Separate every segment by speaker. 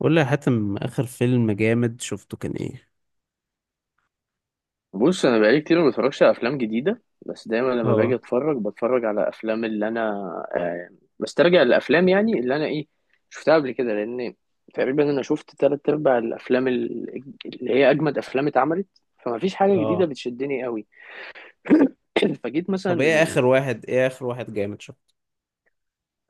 Speaker 1: قول لي يا حاتم، اخر فيلم جامد شفته كان ايه؟
Speaker 2: بص انا بقالي كتير ما بتفرجش على افلام جديده بس دايما لما باجي
Speaker 1: اه.
Speaker 2: اتفرج بتفرج على افلام اللي انا آه، بسترجع الافلام يعني اللي انا ايه شفتها قبل كده لان تقريبا انا شفت تلات ارباع الافلام اللي هي اجمد افلام اتعملت فما فيش حاجه جديده
Speaker 1: اه.
Speaker 2: بتشدني قوي. فجيت مثلا
Speaker 1: طب ايه
Speaker 2: من
Speaker 1: اخر واحد، جامد شفته؟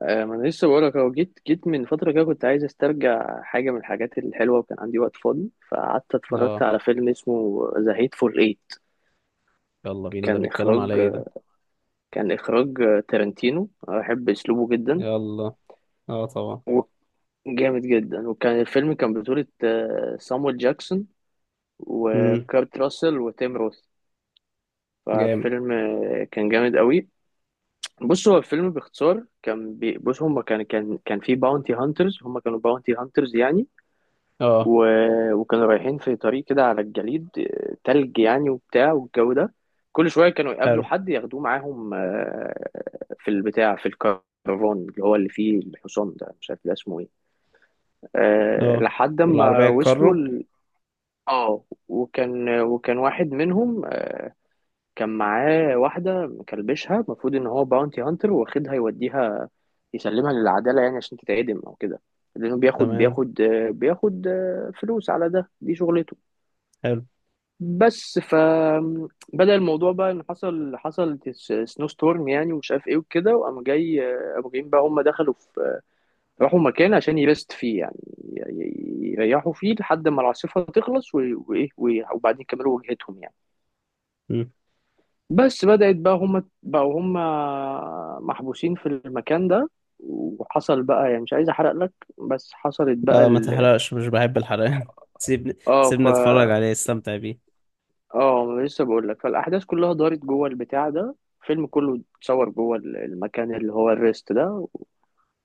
Speaker 2: ما انا لسه بقول لك اهو جيت من فتره كده كنت عايز استرجع حاجه من الحاجات الحلوه وكان عندي وقت فاضي فقعدت اتفرجت
Speaker 1: اه.
Speaker 2: على فيلم اسمه ذا هيت فور ايت.
Speaker 1: يلا بينا، ده
Speaker 2: كان
Speaker 1: بيتكلم
Speaker 2: اخراج
Speaker 1: على ايه ده؟
Speaker 2: كان إخراج تارنتينو، أحب أسلوبه جدا
Speaker 1: يلا. اه، طبعا.
Speaker 2: وجامد جدا، وكان الفيلم كان بطولة سامويل جاكسون
Speaker 1: امم.
Speaker 2: وكارت راسل وتيم روث.
Speaker 1: جامد.
Speaker 2: ففيلم كان جامد قوي. بص هو الفيلم باختصار بص هما كان في باونتي هانترز، هما كانوا باونتي هانترز يعني،
Speaker 1: اه.
Speaker 2: و... وكانوا رايحين في طريق كده على الجليد، تلج يعني وبتاع والجو ده. كل شوية كانوا
Speaker 1: حلو.
Speaker 2: يقابلوا حد ياخدوه معاهم، في البتاع في الكرفان اللي هو اللي فيه الحصان ده، مش عارف ده اسمه ايه،
Speaker 1: اه.
Speaker 2: لحد
Speaker 1: العربية
Speaker 2: ما وصلوا
Speaker 1: الكارو.
Speaker 2: ال... اه، وكان واحد منهم كان معاه واحدة مكلبشها، المفروض ان هو باونتي هانتر واخدها يوديها يسلمها للعدالة يعني عشان تتعدم او كده، لانه بياخد
Speaker 1: تمام.
Speaker 2: بياخد آه، بياخد آه، فلوس على ده، دي شغلته.
Speaker 1: حلو.
Speaker 2: بس فبدأ الموضوع بقى ان حصل سنو ستورم يعني ومش عارف ايه وكده، وقام جاي، قاموا جايين بقى، هم دخلوا في، راحوا مكان عشان يرست فيه يعني، يريحوا فيه لحد ما العاصفة تخلص وايه وبعدين يكملوا وجهتهم يعني.
Speaker 1: امم.
Speaker 2: بس بدأت بقى، هم بقوا هم محبوسين في المكان ده، وحصل بقى يعني، مش عايز احرق لك، بس حصلت بقى
Speaker 1: لا، ما
Speaker 2: ال...
Speaker 1: تحرقش، مش بحب الحرقان. سيبني
Speaker 2: اه
Speaker 1: سيبني اتفرج عليه، استمتع بيه.
Speaker 2: اه، ما أنا لسه بقول لك، فالاحداث كلها دارت جوه البتاع ده، الفيلم كله اتصور جوه المكان اللي هو الريست ده،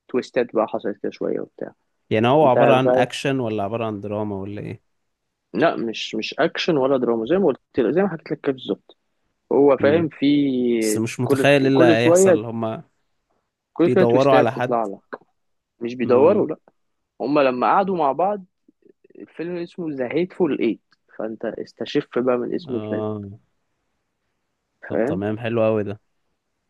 Speaker 2: وتويستات بقى حصلت كده شويه وبتاع.
Speaker 1: يعني هو
Speaker 2: انت
Speaker 1: عبارة
Speaker 2: مش
Speaker 1: عن
Speaker 2: عارف،
Speaker 1: اكشن، ولا عبارة عن دراما، ولا ايه؟
Speaker 2: لا، مش اكشن ولا دراما، زي ما قلت لك زي ما حكيت لك كده بالظبط، هو
Speaker 1: امم.
Speaker 2: فاهم في
Speaker 1: بس مش متخيل ايه اللي
Speaker 2: كل شويه،
Speaker 1: هيحصل هما.
Speaker 2: كل شويه
Speaker 1: بيدوروا
Speaker 2: تويستات
Speaker 1: على
Speaker 2: بتطلع
Speaker 1: حد؟
Speaker 2: لك. مش بيدوروا
Speaker 1: امم.
Speaker 2: لا، هما لما قعدوا مع بعض، الفيلم اسمه ذا هيتفول ايت، فانت استشف بقى من اسم الفيلم
Speaker 1: اه. طب
Speaker 2: فاهم.
Speaker 1: تمام، حلو قوي ده.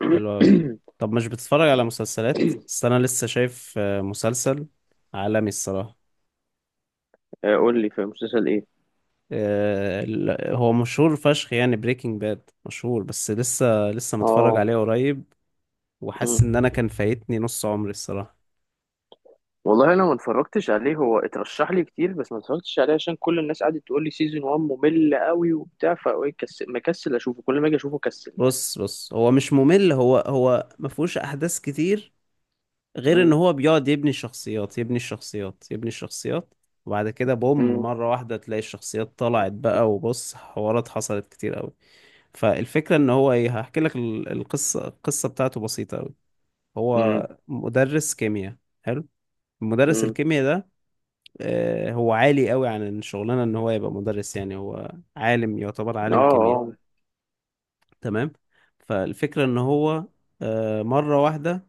Speaker 1: حلو قوي. طب مش بتتفرج على مسلسلات؟ بس انا لسه شايف مسلسل عالمي الصراحة.
Speaker 2: قول لي في مسلسل ايه؟
Speaker 1: هو مشهور فشخ يعني، بريكنج باد مشهور، بس لسه متفرج
Speaker 2: اه،
Speaker 1: عليه قريب. وحاسس ان انا كان فايتني نص عمري الصراحة.
Speaker 2: والله انا ما اتفرجتش عليه، هو اترشح لي كتير بس ما اتفرجتش عليه عشان كل الناس قعدت تقول لي سيزون 1 ممل قوي وبتاع، فكسل مكسل اشوفه، كل ما اجي اشوفه كسل يعني.
Speaker 1: بص، هو مش ممل، هو مفهوش احداث كتير. غير ان
Speaker 2: امم.
Speaker 1: هو بيقعد يبني شخصيات، يبني الشخصيات، يبني الشخصيات. وبعد كده بوم،
Speaker 2: امم.
Speaker 1: مرة واحدة تلاقي الشخصيات طلعت بقى، وبص، حوارات حصلت كتير قوي. فالفكرة ان هو ايه، هحكي لك القصة بتاعته بسيطة أوي. هو
Speaker 2: امم.
Speaker 1: مدرس كيمياء. حلو. مدرس
Speaker 2: امم.
Speaker 1: الكيمياء ده، هو عالي قوي عن الشغلانة ان هو يبقى مدرس، يعني هو عالم، يعتبر
Speaker 2: اه.
Speaker 1: عالم كيمياء.
Speaker 2: اه.
Speaker 1: تمام. فالفكرة ان هو مرة واحدة،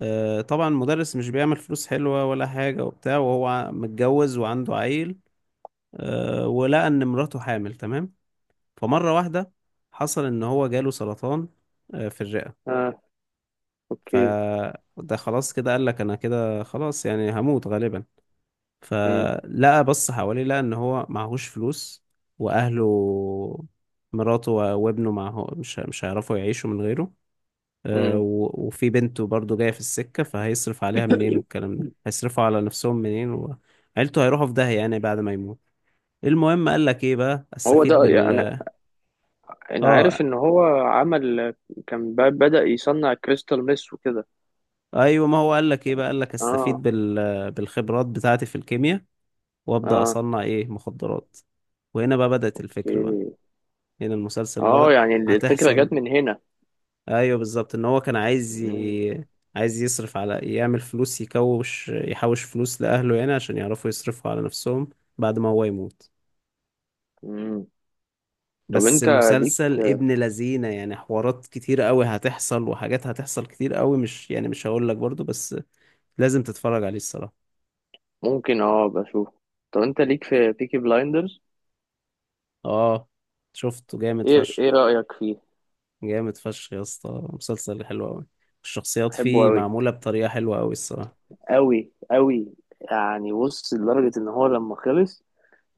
Speaker 1: طبعا مدرس مش بيعمل فلوس حلوة ولا حاجة وبتاع، وهو متجوز وعنده عيل. ولقى ان مراته حامل. تمام. فمرة واحدة، حصل ان هو جاله سرطان، في الرئة.
Speaker 2: اه. اوكي.
Speaker 1: فده خلاص كده، قال لك انا كده خلاص، يعني هموت غالبا.
Speaker 2: امم.
Speaker 1: فلقى، بص حواليه، لقى ان هو معهوش فلوس. واهله، مراته و- وابنه معه مش هيعرفوا يعيشوا من غيره.
Speaker 2: امم.
Speaker 1: و- وفي بنته برضه جاية في السكة، فهيصرف عليها منين؟ والكلام ده، هيصرفوا على نفسهم منين؟ وعيلته هيروحوا في داهية، يعني بعد ما يموت. المهم قال لك، ايه بقى؟
Speaker 2: هو
Speaker 1: استفيد
Speaker 2: ده يعني،
Speaker 1: بال...
Speaker 2: انا انا عارف
Speaker 1: اه.
Speaker 2: ان هو عمل، كان بدأ يصنع كريستال ميس وكده.
Speaker 1: ايوه، ما هو قال لك، ايه بقى؟ قال لك استفيد
Speaker 2: اه.
Speaker 1: بال... بالخبرات بتاعتي في الكيمياء. وابدا
Speaker 2: اه.
Speaker 1: اصنع ايه؟ مخدرات. وهنا بقى بدات الفكره بقى.
Speaker 2: اوكي.
Speaker 1: هنا المسلسل
Speaker 2: اه،
Speaker 1: بدا.
Speaker 2: يعني الفكرة جت
Speaker 1: هتحصل.
Speaker 2: من هنا.
Speaker 1: ايوه، بالظبط، ان هو كان عايز
Speaker 2: مم.
Speaker 1: ي... عايز يصرف على، يعمل فلوس، يكوش، يحوش فلوس لاهله هنا، عشان يعرفوا يصرفوا على نفسهم. بعد ما هو يموت.
Speaker 2: مم. طب
Speaker 1: بس
Speaker 2: انت ليك؟
Speaker 1: مسلسل ابن لذينه، يعني حوارات كتير قوي هتحصل، وحاجات هتحصل كتير قوي، مش يعني، مش هقول لك برضو، بس. لازم تتفرج عليه الصراحه.
Speaker 2: ممكن اه بشوف. طب انت ليك في بيكي بلايندرز؟
Speaker 1: اه. شفته جامد
Speaker 2: ايه
Speaker 1: فشخ.
Speaker 2: ايه رأيك فيه؟
Speaker 1: جامد فشخ يا اسطى، مسلسل حلو قوي. الشخصيات
Speaker 2: بحبه
Speaker 1: فيه
Speaker 2: قوي،
Speaker 1: معمولة بطريقة حلوة قوي الصراحة.
Speaker 2: قوي قوي، يعني بص لدرجة ان هو لما خلص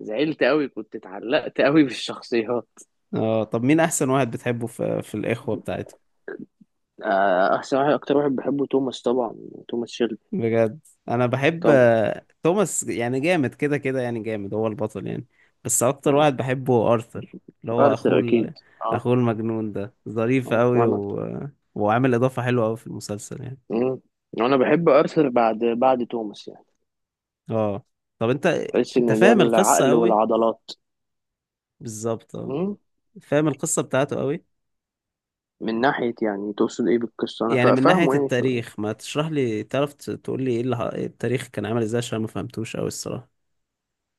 Speaker 2: زعلت قوي، كنت اتعلقت قوي بالشخصيات.
Speaker 1: اه. طب مين احسن واحد بتحبه في الاخوة بتاعته؟
Speaker 2: احسن واحد، اكتر واحد بحبه توماس طبعا، توماس شيلبي.
Speaker 1: بجد؟ انا بحب
Speaker 2: طبعا.
Speaker 1: توماس، يعني جامد كده كده، يعني جامد، هو البطل يعني. بس اكتر
Speaker 2: مم.
Speaker 1: واحد بحبه هو ارثر، اللي هو
Speaker 2: ارثر اكيد. اه.
Speaker 1: اخوه المجنون ده، ظريف
Speaker 2: اه
Speaker 1: قوي
Speaker 2: وانا.
Speaker 1: و... وعامل اضافة حلوة قوي في المسلسل يعني.
Speaker 2: مم. وانا بحب ارثر بعد توماس يعني،
Speaker 1: اه. طب انت.
Speaker 2: بحس
Speaker 1: انت
Speaker 2: ان ده
Speaker 1: فاهم القصة
Speaker 2: العقل
Speaker 1: قوي.
Speaker 2: والعضلات.
Speaker 1: بالظبط، اه.
Speaker 2: مم.
Speaker 1: فاهم القصة بتاعته قوي.
Speaker 2: من ناحية يعني، تقصد ايه بالقصة؟ انا
Speaker 1: يعني من ناحية
Speaker 2: فاهمه يعني.
Speaker 1: التاريخ، ما تشرح لي، تعرف تقول لي، إيه التاريخ كان عامل ازاي؟ عشان ما فهمتوش قوي الصراحة.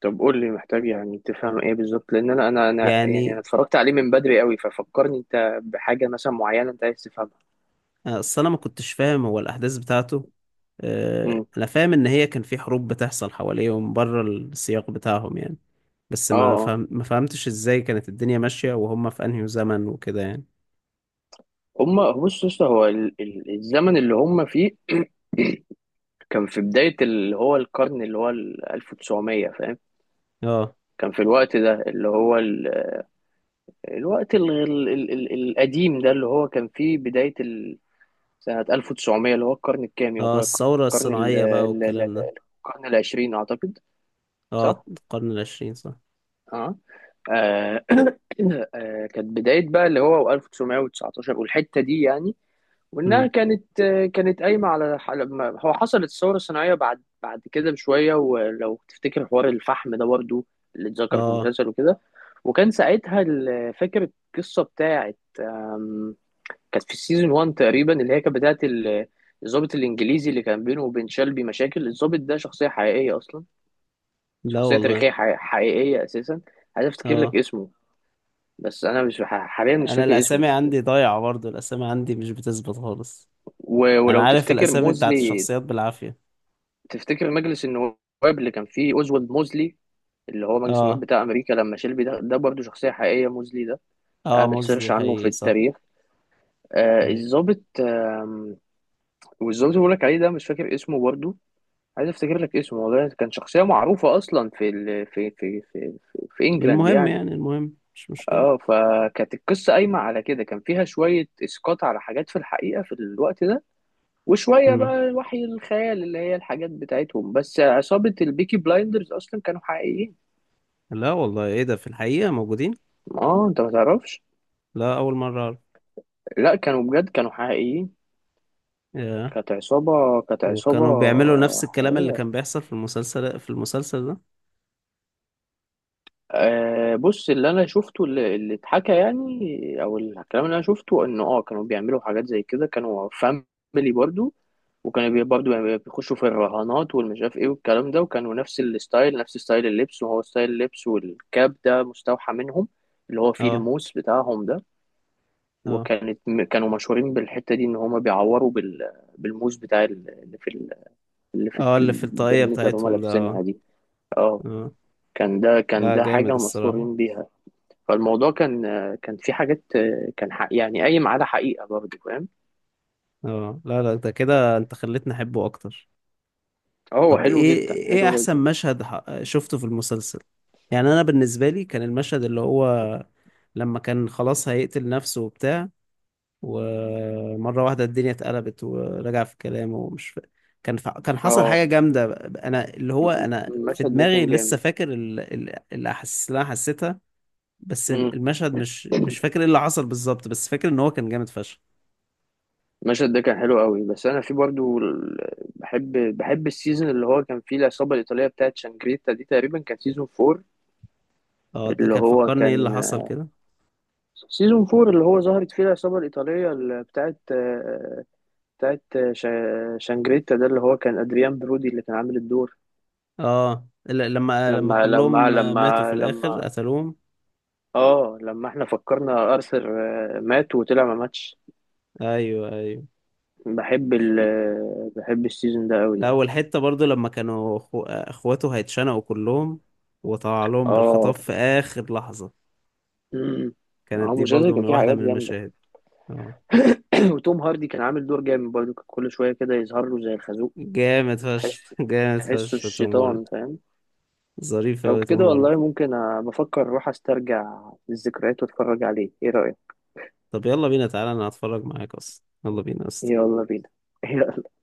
Speaker 2: طب قول لي، محتاج يعني تفهم ايه بالظبط؟ لان انا يعني انا
Speaker 1: يعني،
Speaker 2: اتفرجت عليه من بدري قوي، ففكرني انت بحاجه مثلا معينه انت عايز تفهمها.
Speaker 1: اصل انا ما كنتش فاهم هو الاحداث بتاعته.
Speaker 2: امم.
Speaker 1: انا فاهم ان هي كان في حروب بتحصل حواليهم بره السياق بتاعهم يعني. بس
Speaker 2: اه اه.
Speaker 1: ما فهمتش ازاي كانت الدنيا ماشية وهم في انهي زمن وكده يعني.
Speaker 2: هما بص يا اسطى، هو الزمن اللي هما فيه كان في بدايه اللي هو القرن اللي هو ال 1900 فاهم.
Speaker 1: اه.
Speaker 2: كان في الوقت ده اللي هو ال- الوقت ال- ال- ال- ال- القديم ده اللي هو كان فيه بدايه ال-، سنه 1900، اللي هو القرن الكام
Speaker 1: اه،
Speaker 2: يعتبر؟
Speaker 1: الثورة
Speaker 2: القرن
Speaker 1: الصناعية بقى والكلام ده.
Speaker 2: القرن العشرين اعتقد.
Speaker 1: اه،
Speaker 2: صح.
Speaker 1: القرن العشرين، صح.
Speaker 2: اه. آه، كانت بداية بقى اللي هو 1919 والحتة دي يعني، وإنها
Speaker 1: امم.
Speaker 2: كانت كانت قايمة على لما هو حصلت الثورة الصناعية بعد كده بشوية، ولو تفتكر حوار الفحم ده برضو اللي اتذكر في
Speaker 1: اه.
Speaker 2: المسلسل وكده. وكان ساعتها ال- فاكر القصة بتاعت آم، كانت في السيزون 1 تقريبا، اللي هي كانت بتاعت ال-، الضابط الإنجليزي اللي كان بينه وبين شلبي مشاكل، الضابط ده شخصية حقيقية أصلا،
Speaker 1: لا
Speaker 2: شخصية
Speaker 1: والله.
Speaker 2: تاريخية حقيقية أساسا، عايز أفتكر لك
Speaker 1: اه.
Speaker 2: اسمه، بس انا مش حاليا مش
Speaker 1: انا
Speaker 2: فاكر اسمه.
Speaker 1: الاسامي عندي ضايعه، برضو الاسامي عندي مش بتثبت خالص. انا
Speaker 2: ولو
Speaker 1: عارف
Speaker 2: تفتكر
Speaker 1: الاسامي بتاعت
Speaker 2: موزلي،
Speaker 1: الشخصيات بالعافيه.
Speaker 2: تفتكر مجلس النواب اللي كان فيه اوزولد موزلي، اللي هو مجلس النواب
Speaker 1: اه.
Speaker 2: بتاع امريكا، لما شيلبي ده برضه شخصيه حقيقيه موزلي ده،
Speaker 1: اه،
Speaker 2: اعمل
Speaker 1: مزي
Speaker 2: سيرش عنه في
Speaker 1: حقيقي، صح.
Speaker 2: التاريخ. آه
Speaker 1: ايوه.
Speaker 2: الضابط والظابط اللي بقول لك عليه ده مش فاكر اسمه برضه، عايز افتكر لك اسمه والله، كان شخصيه معروفه اصلا في ال... في في في في, في انجلاند
Speaker 1: المهم،
Speaker 2: يعني.
Speaker 1: يعني المهم، مش مشكله.
Speaker 2: اه، فكانت القصه قايمه على كده، كان فيها شويه اسقاط على حاجات في الحقيقه في الوقت ده، وشوية
Speaker 1: امم.
Speaker 2: بقى وحي الخيال اللي هي الحاجات بتاعتهم، بس عصابة البيكي بلايندرز أصلا كانوا حقيقيين.
Speaker 1: لا والله، ايه ده؟ في الحقيقه موجودين؟
Speaker 2: اه انت ما تعرفش،
Speaker 1: لا، اول مره اعرف.
Speaker 2: لا كانوا بجد كانوا حقيقيين،
Speaker 1: ياه.
Speaker 2: كانت عصابة
Speaker 1: وكانوا بيعملوا نفس الكلام اللي
Speaker 2: حقيقية.
Speaker 1: كان بيحصل في المسلسل ده؟
Speaker 2: آه بص، اللي انا شفته، اللي اتحكى يعني، او الكلام اللي انا شفته انه اه، كانوا بيعملوا حاجات زي كده، كانوا فاميلي برضو، وكانوا بيخشوا في الرهانات والمش عارف ايه والكلام ده، وكانوا نفس الستايل، نفس ستايل اللبس، وهو ستايل اللبس والكاب ده مستوحى منهم، اللي هو فيه
Speaker 1: اه.
Speaker 2: الموس بتاعهم ده.
Speaker 1: اه.
Speaker 2: وكانت كانوا مشهورين بالحتة دي، ان هما بيعوروا بال... بالموس بتاع اللي في ال... اللي في
Speaker 1: اه. اللي في الطاقيه
Speaker 2: البرنيتا اللي هما
Speaker 1: بتاعتهم ده، اه.
Speaker 2: لابسينها دي. اه،
Speaker 1: اه.
Speaker 2: كان
Speaker 1: لا،
Speaker 2: ده
Speaker 1: جامد
Speaker 2: حاجة
Speaker 1: الصراحه.
Speaker 2: مشهورين بيها. فالموضوع كان، كان في حاجات، كان حق يعني قايم على حقيقة برضه فاهم.
Speaker 1: اه. لا، لا، ده كده انت خليتني احبه اكتر.
Speaker 2: اه هو
Speaker 1: طب
Speaker 2: حلو
Speaker 1: ايه
Speaker 2: جدا
Speaker 1: ايه
Speaker 2: حلو
Speaker 1: احسن
Speaker 2: جدا.
Speaker 1: مشهد شفته في المسلسل؟ يعني انا بالنسبه لي كان المشهد اللي هو، لما كان خلاص هيقتل نفسه وبتاع، ومره واحده الدنيا اتقلبت ورجع في كلامه، ومش ف... كان حصل حاجه
Speaker 2: اه.
Speaker 1: جامده. انا اللي هو، انا في
Speaker 2: المشهد ده
Speaker 1: دماغي
Speaker 2: كان
Speaker 1: لسه
Speaker 2: جامد.
Speaker 1: فاكر الاحاسيس اللي انا حسيتها. بس المشهد مش فاكر ايه اللي حصل بالظبط، بس فاكر ان هو كان جامد فشخ.
Speaker 2: المشهد ده كان حلو قوي، بس انا في برضو بحب، بحب السيزون اللي هو كان فيه العصابه الايطاليه بتاعت شانجريتا دي، تقريبا كان سيزون 4،
Speaker 1: اه. ده
Speaker 2: اللي
Speaker 1: كان
Speaker 2: هو
Speaker 1: فكرني ايه اللي
Speaker 2: كان
Speaker 1: حصل كده.
Speaker 2: سيزون 4 اللي هو ظهرت فيه العصابه الايطاليه اللي بتاعت بتاعت شانجريتا ده، اللي هو كان ادريان برودي اللي كان عامل الدور.
Speaker 1: اه، لما
Speaker 2: لما لما
Speaker 1: كلهم ماتوا في
Speaker 2: لما
Speaker 1: الاخر،
Speaker 2: لما
Speaker 1: قتلوهم.
Speaker 2: اه، لما احنا فكرنا ارثر مات وطلع ما ماتش.
Speaker 1: ايوه، ايوه.
Speaker 2: بحب ال بحب السيزون ده قوي
Speaker 1: لا،
Speaker 2: يعني.
Speaker 1: والحته برضو لما كانوا اخواته هيتشنقوا كلهم، وطلع لهم بالخطاب
Speaker 2: اه.
Speaker 1: في اخر لحظه.
Speaker 2: امم.
Speaker 1: كانت
Speaker 2: هو
Speaker 1: دي
Speaker 2: المسلسل
Speaker 1: برضو
Speaker 2: كان
Speaker 1: من
Speaker 2: فيه
Speaker 1: واحده
Speaker 2: حاجات
Speaker 1: من
Speaker 2: جامده.
Speaker 1: المشاهد. اه.
Speaker 2: وتوم هاردي كان عامل دور جامد برضه، كان كل شوية كده يظهر له زي الخازوق،
Speaker 1: جامد فشخ.
Speaker 2: تحسه،
Speaker 1: جامد
Speaker 2: تحسه
Speaker 1: فشخ توم هاردي.
Speaker 2: الشيطان فاهم.
Speaker 1: ظريف
Speaker 2: لو
Speaker 1: اوي
Speaker 2: كده
Speaker 1: توم
Speaker 2: والله
Speaker 1: هاردي.
Speaker 2: ممكن بفكر أروح أسترجع الذكريات وأتفرج عليه، إيه رأيك؟
Speaker 1: طب يلا بينا، تعالى انا هتفرج معاك اصلا، يلا بينا اصلا.
Speaker 2: يلا بينا.